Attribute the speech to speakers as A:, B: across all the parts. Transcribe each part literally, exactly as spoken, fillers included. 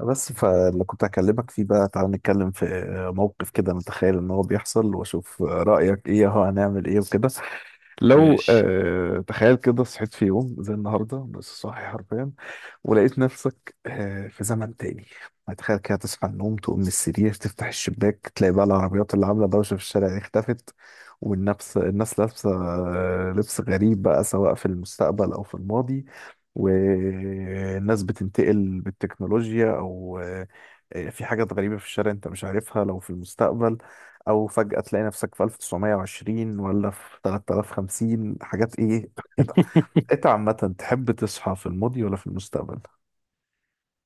A: بس فاللي كنت هكلمك فيه بقى، تعال نتكلم في موقف كده. نتخيل ان هو بيحصل واشوف رأيك ايه، هو هنعمل ايه وكده. لو
B: ماشي.
A: آه تخيل كده، صحيت في يوم زي النهارده، بس صاحي حرفيا، ولقيت نفسك آه في زمن تاني. تخيل كده تصحى من النوم، تقوم من السرير، تفتح الشباك، تلاقي بقى العربيات اللي عامله دوشه في الشارع دي اختفت، والنفس الناس لابسه آه لبس غريب بقى، سواء في المستقبل او في الماضي، والناس بتنتقل بالتكنولوجيا او آه، في حاجات غريبة في الشارع انت مش عارفها لو في المستقبل، او فجأة تلاقي نفسك في ألف وتسعمية وعشرين ولا في ثلاثة آلاف وخمسين. حاجات ايه كده. انت عامة تحب تصحى في الماضي ولا في المستقبل؟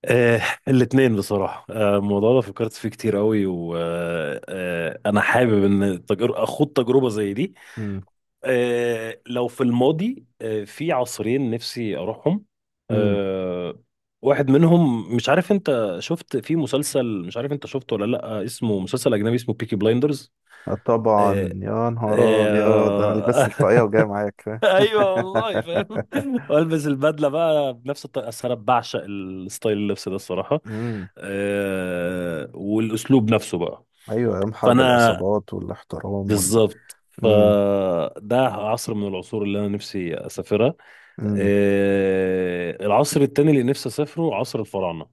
B: آه الاثنين بصراحة آه، الموضوع ده فكرت فيه كتير قوي وأنا حابب إن تجر- أخوض تجربة زي دي
A: امم.
B: آه، لو في الماضي آه، في عصرين نفسي أروحهم
A: امم.
B: آه، واحد منهم مش عارف أنت شفت في مسلسل، مش عارف أنت شفته ولا لأ، اسمه مسلسل أجنبي اسمه بيكي بلايندرز آه،
A: طبعا يا نهار ابيض، انا لبست
B: آه،
A: الطاقية وجاي معاك فاهم.
B: ايوه والله فاهم. والبس البدله بقى بنفس الطريقه، أصل انا بعشق الستايل اللبس ده الصراحه.
A: امم.
B: أه والاسلوب نفسه بقى.
A: ايوه، ايام حرب
B: فانا
A: العصابات والاحترام ولا.
B: بالظبط، فده عصر من العصور اللي انا نفسي اسافرها.
A: امم.
B: أه العصر التاني اللي نفسي اسافره عصر الفراعنه.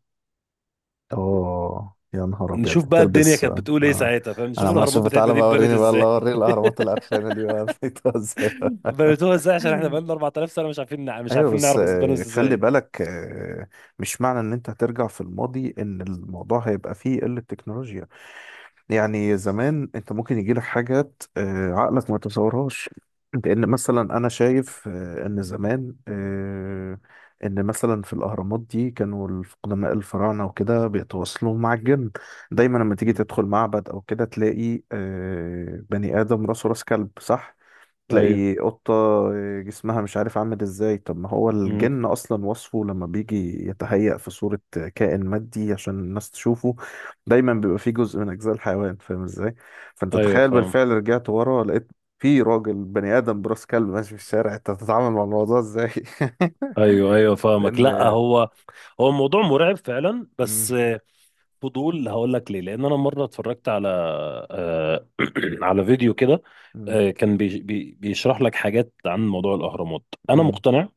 A: اوه يا نهار ابيض،
B: نشوف بقى الدنيا
A: هتلبس
B: كانت
A: آه.
B: بتقول ايه ساعتها، فاهم؟
A: انا
B: نشوف
A: عمال
B: الاهرامات
A: اشوف،
B: بتاعتنا
A: تعالى
B: دي
A: بقى
B: اتبنت
A: وريني بقى، الله
B: ازاي.
A: اوريك الاهرامات القرفانه دي بقى لقيتها ازاي. بقى.
B: بنيتوها ازاي؟ عشان احنا بقالنا اربعة آلاف سنه مش عارفين نع- مش
A: ايوه
B: عارفين
A: بس
B: نعرف اتبنت
A: آه، خلي
B: ازاي.
A: بالك آه، مش معنى ان انت هترجع في الماضي ان الموضوع هيبقى فيه قله تكنولوجيا. يعني زمان انت ممكن يجي لك حاجات آه، عقلك ما يتصورهاش. لان مثلا انا شايف آه، ان زمان آه، ان مثلا في الاهرامات دي كانوا الف- قدماء الفراعنه وكده بيتواصلوا مع الجن. دايما لما تيجي
B: مم.
A: تدخل معبد او كده، تلاقي آه، بني ادم راسه راس كلب، صح؟
B: ايوه
A: تلاقي قطة جسمها مش عارف عامل ازاي. طب ما هو الجن اصلا وصفه لما بيجي يتهيأ في صورة كائن مادي عشان الناس تشوفه، دايما بيبقى فيه جزء من اجزاء الحيوان، فاهم ازاي؟ فانت
B: ايوه
A: تخيل
B: فاهم.
A: بالفعل رجعت ورا، لقيت في راجل بني ادم براس كلب ماشي في الشارع، انت هتتعامل مع الموضوع ازاي؟
B: ايوه ايوه فاهمك. لا
A: لان
B: هو هو الموضوع مرعب فعلا، بس
A: مم.
B: آه، فضول. هقول لك ليه. لان انا مره اتفرجت على آه، على فيديو كده
A: مم.
B: آه، كان بي- بي- بيشرح لك حاجات عن موضوع الاهرامات. انا
A: مم.
B: مقتنع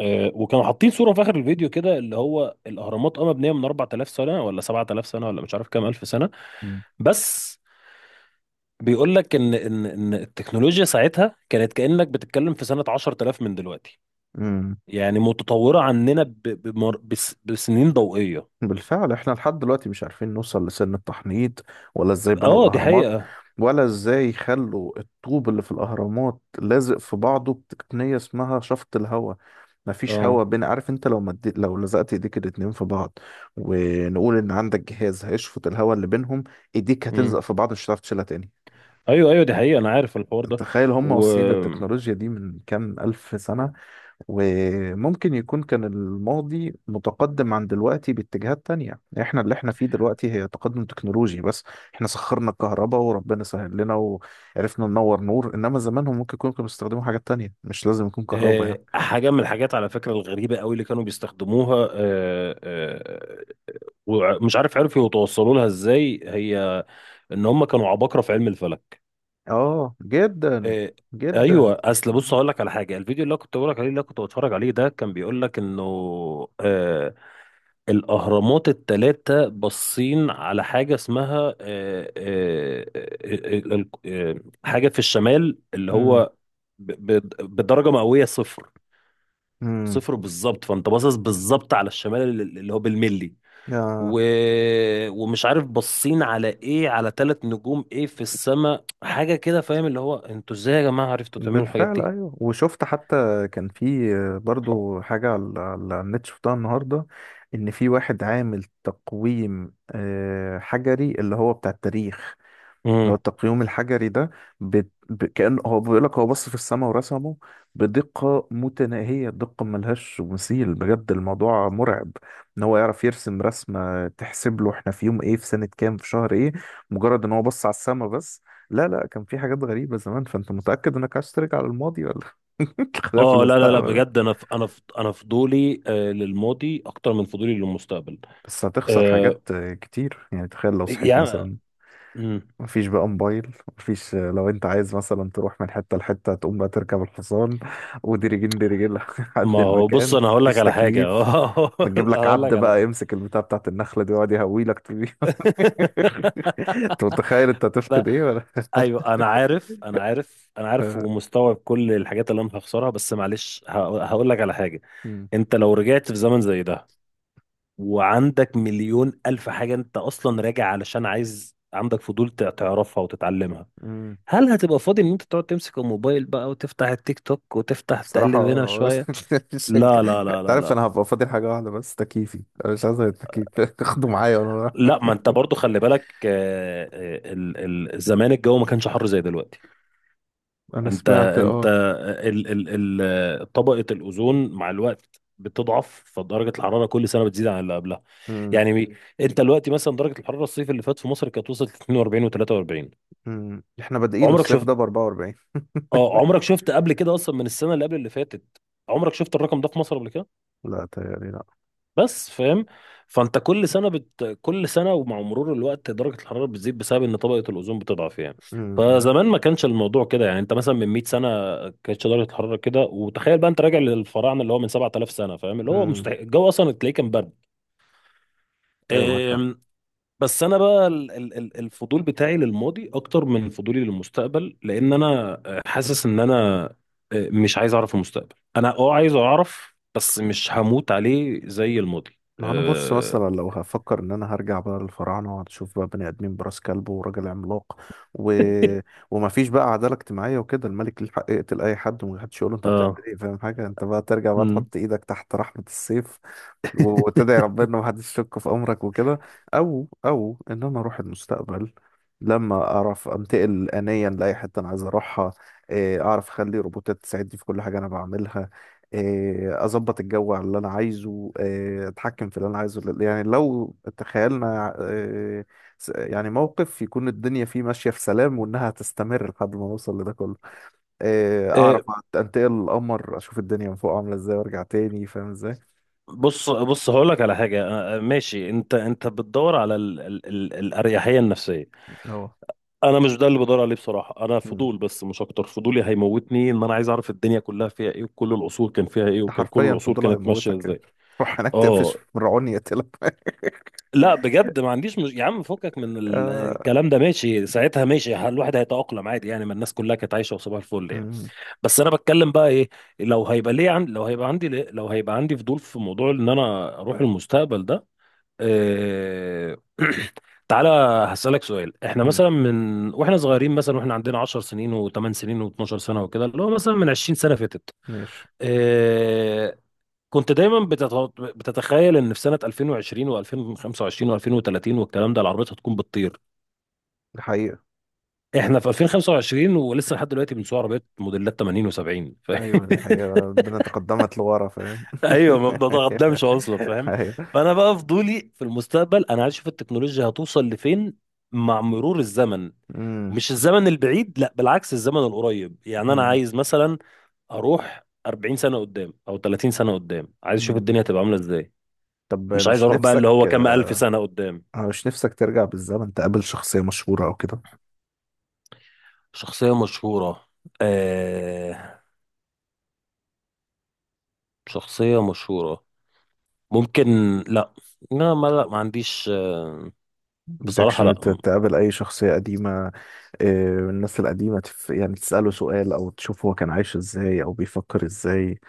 B: آه، وكانوا حاطين صوره في اخر الفيديو كده، اللي هو الاهرامات اه مبنيه من اربعة آلاف سنه ولا سبعة آلاف سنه ولا مش عارف كام الف سنه،
A: مم.
B: بس بيقول لك ان ان ان التكنولوجيا ساعتها كانت كانك بتتكلم في سنه عشرتلاف من دلوقتي.
A: مم.
B: يعني متطورة عننا ب... بمر... بس... بسنين ضوئية.
A: بالفعل احنا لحد دلوقتي مش عارفين نوصل لسن التحنيط، ولا ازاي بنوا
B: اه دي
A: الاهرامات،
B: حقيقة.
A: ولا ازاي خلوا الطوب اللي في الاهرامات لازق في بعضه بتقنية اسمها شفط الهواء. مفيش
B: اه.
A: هواء بين، عارف انت لو مدي... لو لزقت ايديك الاتنين في بعض، ونقول ان عندك جهاز هيشفط الهواء اللي بينهم، ايديك هتلزق
B: امم.
A: في بعض مش هتعرف تشيلها تاني.
B: ايوه ايوه دي حقيقة، انا عارف الحوار ده.
A: تخيل هم
B: و
A: واصلين للتكنولوجيا دي من كام ألف سنة. وممكن يكون كان الماضي متقدم عن دلوقتي باتجاهات تانية، احنا اللي احنا فيه دلوقتي هي تقدم تكنولوجي بس. احنا سخرنا الكهرباء وربنا سهل لنا وعرفنا ننور نور، انما زمانهم ممكن يكونوا كانوا بيستخدموا حاجات تانية، مش لازم يكون كهرباء يعني.
B: آه، حاجة من الحاجات على فكرة الغريبة قوي اللي كانوا بيستخدموها آه، آه، ومش عارف عرفوا يتوصلوا لها ازاي، هي ان هم كانوا عباقرة في علم الفلك.
A: اه جدا.
B: إيه.
A: جدا.
B: ايوه اصل بص هقول لك على حاجه. الفيديو اللي أنا كنت بقول لك عليه اللي أنا كنت بتفرج عليه ده كان بيقول لك انه آه الاهرامات الثلاثه باصين على حاجه اسمها آه آه آه آه آه حاجه في الشمال، اللي
A: امم.
B: هو ب- ب- بدرجه مئويه صفر.
A: امم.
B: صفر بالظبط. فانت باصص بالظبط على الشمال اللي اللي هو بالملي و... ومش عارف باصين على ايه، على ثلاث نجوم ايه في السماء حاجه كده، فاهم؟ اللي هو انتوا ازاي يا جماعه عرفتوا تعملوا الحاجات
A: بالفعل،
B: دي؟
A: ايوه، وشفت حتى كان في برضو حاجة على على النت شفتها النهاردة، ان في واحد عامل تقويم آه، حجري، اللي هو بتاع التاريخ، اللي هو
B: امم.
A: التقييم الحجري ده، بت... ب... كأن هو بيقول لك، هو بص في السماء ورسمه بدقة متناهية، دقة ملهاش مثيل، بجد الموضوع مرعب، ان هو يعرف يرسم رسمة تحسب له احنا في يوم ايه في سنة كام في شهر ايه، مجرد ان هو بص على السماء بس. لا لا، كان في حاجات غريبة زمان. فانت متأكد انك عايز ترجع للماضي ولا خلاف في
B: اه لا لا لا
A: المستقبل ده؟
B: بجد، انا ف... انا ف... انا فضولي آه للماضي اكتر من فضولي للمستقبل.
A: بس هتخسر
B: آه.
A: حاجات كتير يعني. تخيل لو صحيت
B: يعني
A: مثلا
B: مم.
A: مفيش بقى موبايل، مفيش آه، لو انت عايز مثلا تروح من حتة لحتة تقوم بقى تركب الحصان، وديرجين ديرجين لحد
B: ما هو بص
A: المكان،
B: انا هقول لك
A: مفيش
B: على حاجه.
A: تكييف، نجيب لك
B: هقول
A: عبد
B: لك على
A: بقى
B: حاجه.
A: يمسك البتاع بتاعت النخلة دي ويقعد يهوي لك طول اليوم. انت متخيل انت
B: لا.
A: هتفقد ايه ولا؟
B: ايوه انا عارف انا عارف انا عارف ومستوعب كل الحاجات اللي انا هخسرها، بس معلش هقول لك على حاجه.
A: مم.
B: انت لو رجعت في زمن زي ده وعندك مليون الف حاجة انت اصلا راجع علشان عايز، عندك فضول تع- تعرفها وتتعلمها،
A: مم.
B: هل هتبقى فاضي ان انت تقعد تمسك الموبايل بقى وتفتح التيك توك وتفتح
A: بصراحة
B: تقلب هنا
A: اه.
B: شوية؟
A: مش هنك-
B: لا لا لا
A: انت
B: لا
A: عارف
B: لا.
A: انا هبقى فاضل حاجة واحدة بس، تكييفي، انا مش عايز غير التكييف، اخده معايا وانا رايح.
B: لا ما انت برضو خلي بالك آه، آه، ال- ال- زمان الجو ما كانش حر زي دلوقتي.
A: انا
B: انت
A: سمعت
B: انت
A: اه.
B: ال ال ال طبقة الأوزون مع الوقت بتضعف، فدرجة الحرارة كل سنة بتزيد عن اللي قبلها.
A: مم.
B: يعني مي- انت دلوقتي مثلا درجة الحرارة الصيف اللي فات في مصر كانت وصلت اتنين واربعين و43.
A: مم. احنا بادئين
B: عمرك
A: الصيف
B: شفت؟
A: ده ب اربعة واربعين.
B: اه عمرك شفت قبل كده اصلا، من السنة اللي قبل اللي فاتت عمرك شفت الرقم ده في مصر قبل كده؟
A: لا، تهيألي لا.
B: بس فاهم. فانت كل سنه بت... كل سنه ومع مرور الوقت درجه الحراره بتزيد بسبب ان طبقه الاوزون بتضعف يعني.
A: امم. امم.
B: فزمان ما كانش الموضوع كده يعني. انت مثلا من مئة سنه كانتش درجه الحراره كده، وتخيل بقى انت راجع للفراعنه اللي هو من سبعة آلاف سنه فاهم، اللي هو
A: امم.
B: مستحيل الجو اصلا، تلاقيه كان برد.
A: ايوه معاك حق.
B: أم، بس انا بقى ال- ال- ال- الفضول بتاعي للماضي اكتر من فضولي للمستقبل، لان انا حاسس ان انا أه، مش عايز اعرف المستقبل، انا اه عايز اعرف بس مش هموت عليه زي الماضي
A: ما انا بص
B: آه،
A: مثلا لو هفكر ان انا هرجع بقى للفراعنه، وهتشوف بقى بني ادمين براس كلب وراجل عملاق و... وما فيش بقى عداله اجتماعيه وكده، الملك ليه حق يقتل اي حد ومحدش يقول له انت بتعمل
B: اه.
A: ايه، فاهم حاجه؟ انت بقى ترجع بقى
B: امم.
A: تحط ايدك تحت رحمه السيف، و- وتدعي ربنا ما حدش يشك في امرك وكده. او او ان انا اروح المستقبل، لما اعرف انتقل انيا لاي حته انا عايز اروحها، إيه، اعرف اخلي روبوتات تساعدني في كل حاجه انا بعملها، إيه، اظبط الجو على اللي انا عايزه، إيه، اتحكم في اللي انا عايزه. يعني لو تخيلنا إيه، س- يعني موقف يكون الدنيا فيه ماشية في سلام وانها هتستمر لحد ما نوصل لده كله، إيه، اعرف
B: إيه،
A: أت- انتقل القمر اشوف الدنيا من فوق عاملة ازاي وارجع تاني، فاهم ازاي؟
B: بص بص هقول لك على حاجه آه، آه، ماشي. انت انت بتدور على ال ال ال الاريحيه النفسيه.
A: هو
B: انا مش ده اللي بدور عليه بصراحه، انا
A: مم.
B: فضول بس مش اكتر. فضولي هيموتني، ان انا عايز اعرف الدنيا كلها فيها ايه وكل العصور كان فيها ايه،
A: انت
B: وكان كل
A: حرفيا في
B: العصور
A: الضلع
B: كانت ماشيه
A: هيموتك يعني.
B: ازاي.
A: روح هناك تقفش
B: اه
A: من رعون يقتلك.
B: لا بجد ما عنديش مش... يا عم فكك من ال-
A: آه.
B: الكلام ده، ماشي ساعتها ماشي، الواحد هيتأقلم عادي يعني، ما الناس كلها كانت عايشه وصباح الفل يعني.
A: مم.
B: بس انا بتكلم بقى ايه، لو هيبقى ليه عن... لو هيبقى عندي ليه، لو هيبقى عندي فضول في موضوع ان انا اروح المستقبل ده. إيه... تعالى هسألك سؤال. احنا
A: مم.
B: مثلا من واحنا صغيرين مثلا واحنا عندنا 10 سنين و8 سنين و12 سنة وكده، اللي هو مثلا من عشرين سنة فاتت،
A: ماشي.
B: إيه... كنت دايما بتت... بتتخيل ان في سنة الفين وعشرين و2025 و2030 والكلام ده العربيات هتكون بتطير.
A: دي حقيقة.
B: احنا في الفين وخمسة وعشرين ولسه لحد دلوقتي بنسوق عربيات موديلات تمانين و70.
A: ايوه دي حقيقة، ربنا تقدمت لورا فاهم.
B: ايوه ما بتتقدمش اصلا، فاهم.
A: ايوه.
B: فانا بقى فضولي في المستقبل، انا عايز اشوف التكنولوجيا هتوصل لفين مع مرور الزمن.
A: أمم.
B: مش الزمن البعيد، لا بالعكس، الزمن القريب. يعني انا
A: أمم.
B: عايز مثلا اروح اربعين سنه قدام او تلاتين سنه قدام، عايز اشوف
A: أمم.
B: الدنيا هتبقى عامله ازاي.
A: طب
B: مش عايز
A: مش
B: اروح بقى اللي
A: نفسك
B: هو كام الف
A: آه،
B: سنه قدام.
A: مش نفسك ترجع بالزمن تقابل شخصية مشهورة او كده؟
B: شخصيه مشهوره آه... شخصيه مشهوره، ممكن. لا، لا ما لا ما عنديش آه،
A: بدكش
B: بصراحه
A: ت-
B: لا.
A: تقابل اي شخصية قديمة آه، من الناس القديمة تف... يعني تسأله سؤال او تشوف هو كان عايش ازاي او بيفكر ازاي؟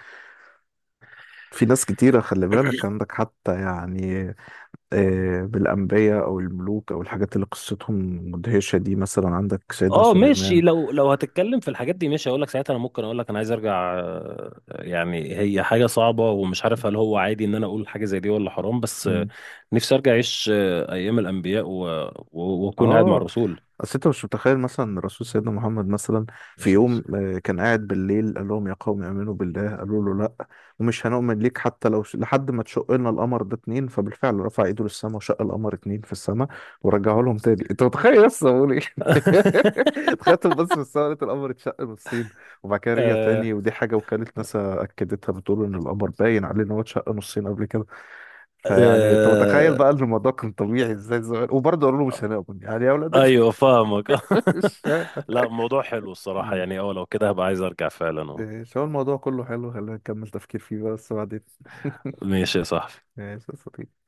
A: في ناس كتيرة خلي بالك عندك حتى يعني آه، بالأنبياء او الملوك او الحاجات اللي قصتهم مدهشة، دي مثلا عندك سيدنا
B: اه ماشي،
A: سليمان.
B: لو لو هتتكلم في الحاجات دي ماشي اقول لك ساعتها، انا ممكن اقول لك انا عايز ارجع آه، يعني هي حاجه صعبه ومش عارف هل هو عادي ان انا اقول حاجه زي دي ولا حرام، بس آه،
A: مم.
B: نفسي ارجع اعيش آه، ايام الانبياء و- و- واكون قاعد مع
A: اه،
B: الرسول
A: اصل انت مش متخيل مثلا الرسول سيدنا محمد مثلا،
B: عليه
A: في
B: الصلاة
A: يوم
B: والسلام.
A: آه، كان قاعد بالليل، قال لهم يا قوم امنوا بالله، قالوا له لا ومش هنؤمن ليك حتى لو ش- لحد ما تشق لنا القمر ده اتنين. فبالفعل رفع ايده للسماء وشق القمر اتنين في السماء ورجعه لهم تاني. انت متخيل؟ بس بقول ايه، تخيلتهم بس في السماء لقيت القمر اتشق نصين، وبعد كده رجع
B: آه
A: تاني. ودي حاجه وكاله ناسا اكدتها، بتقول ان القمر باين عليه ان هو اتشق نصين قبل كده. فيعني انت متخيل
B: آه
A: بقى ان الموضوع كان طبيعي ازاي زمان، وبرضه قالوا له مش هنؤمن، يعني يا اولاد ال-
B: ايوه فاهمك.
A: مش فاهم.
B: لا الموضوع حلو الصراحه
A: مم.
B: يعني. اه لو كده هبقى عايز ارجع فعلا، اه.
A: إيه، شو الموضوع كله حلو، خلينا نكمل تفكير فيه بقى بس بعدين.
B: ماشي يا صاحبي.
A: ماشي يا صديقي.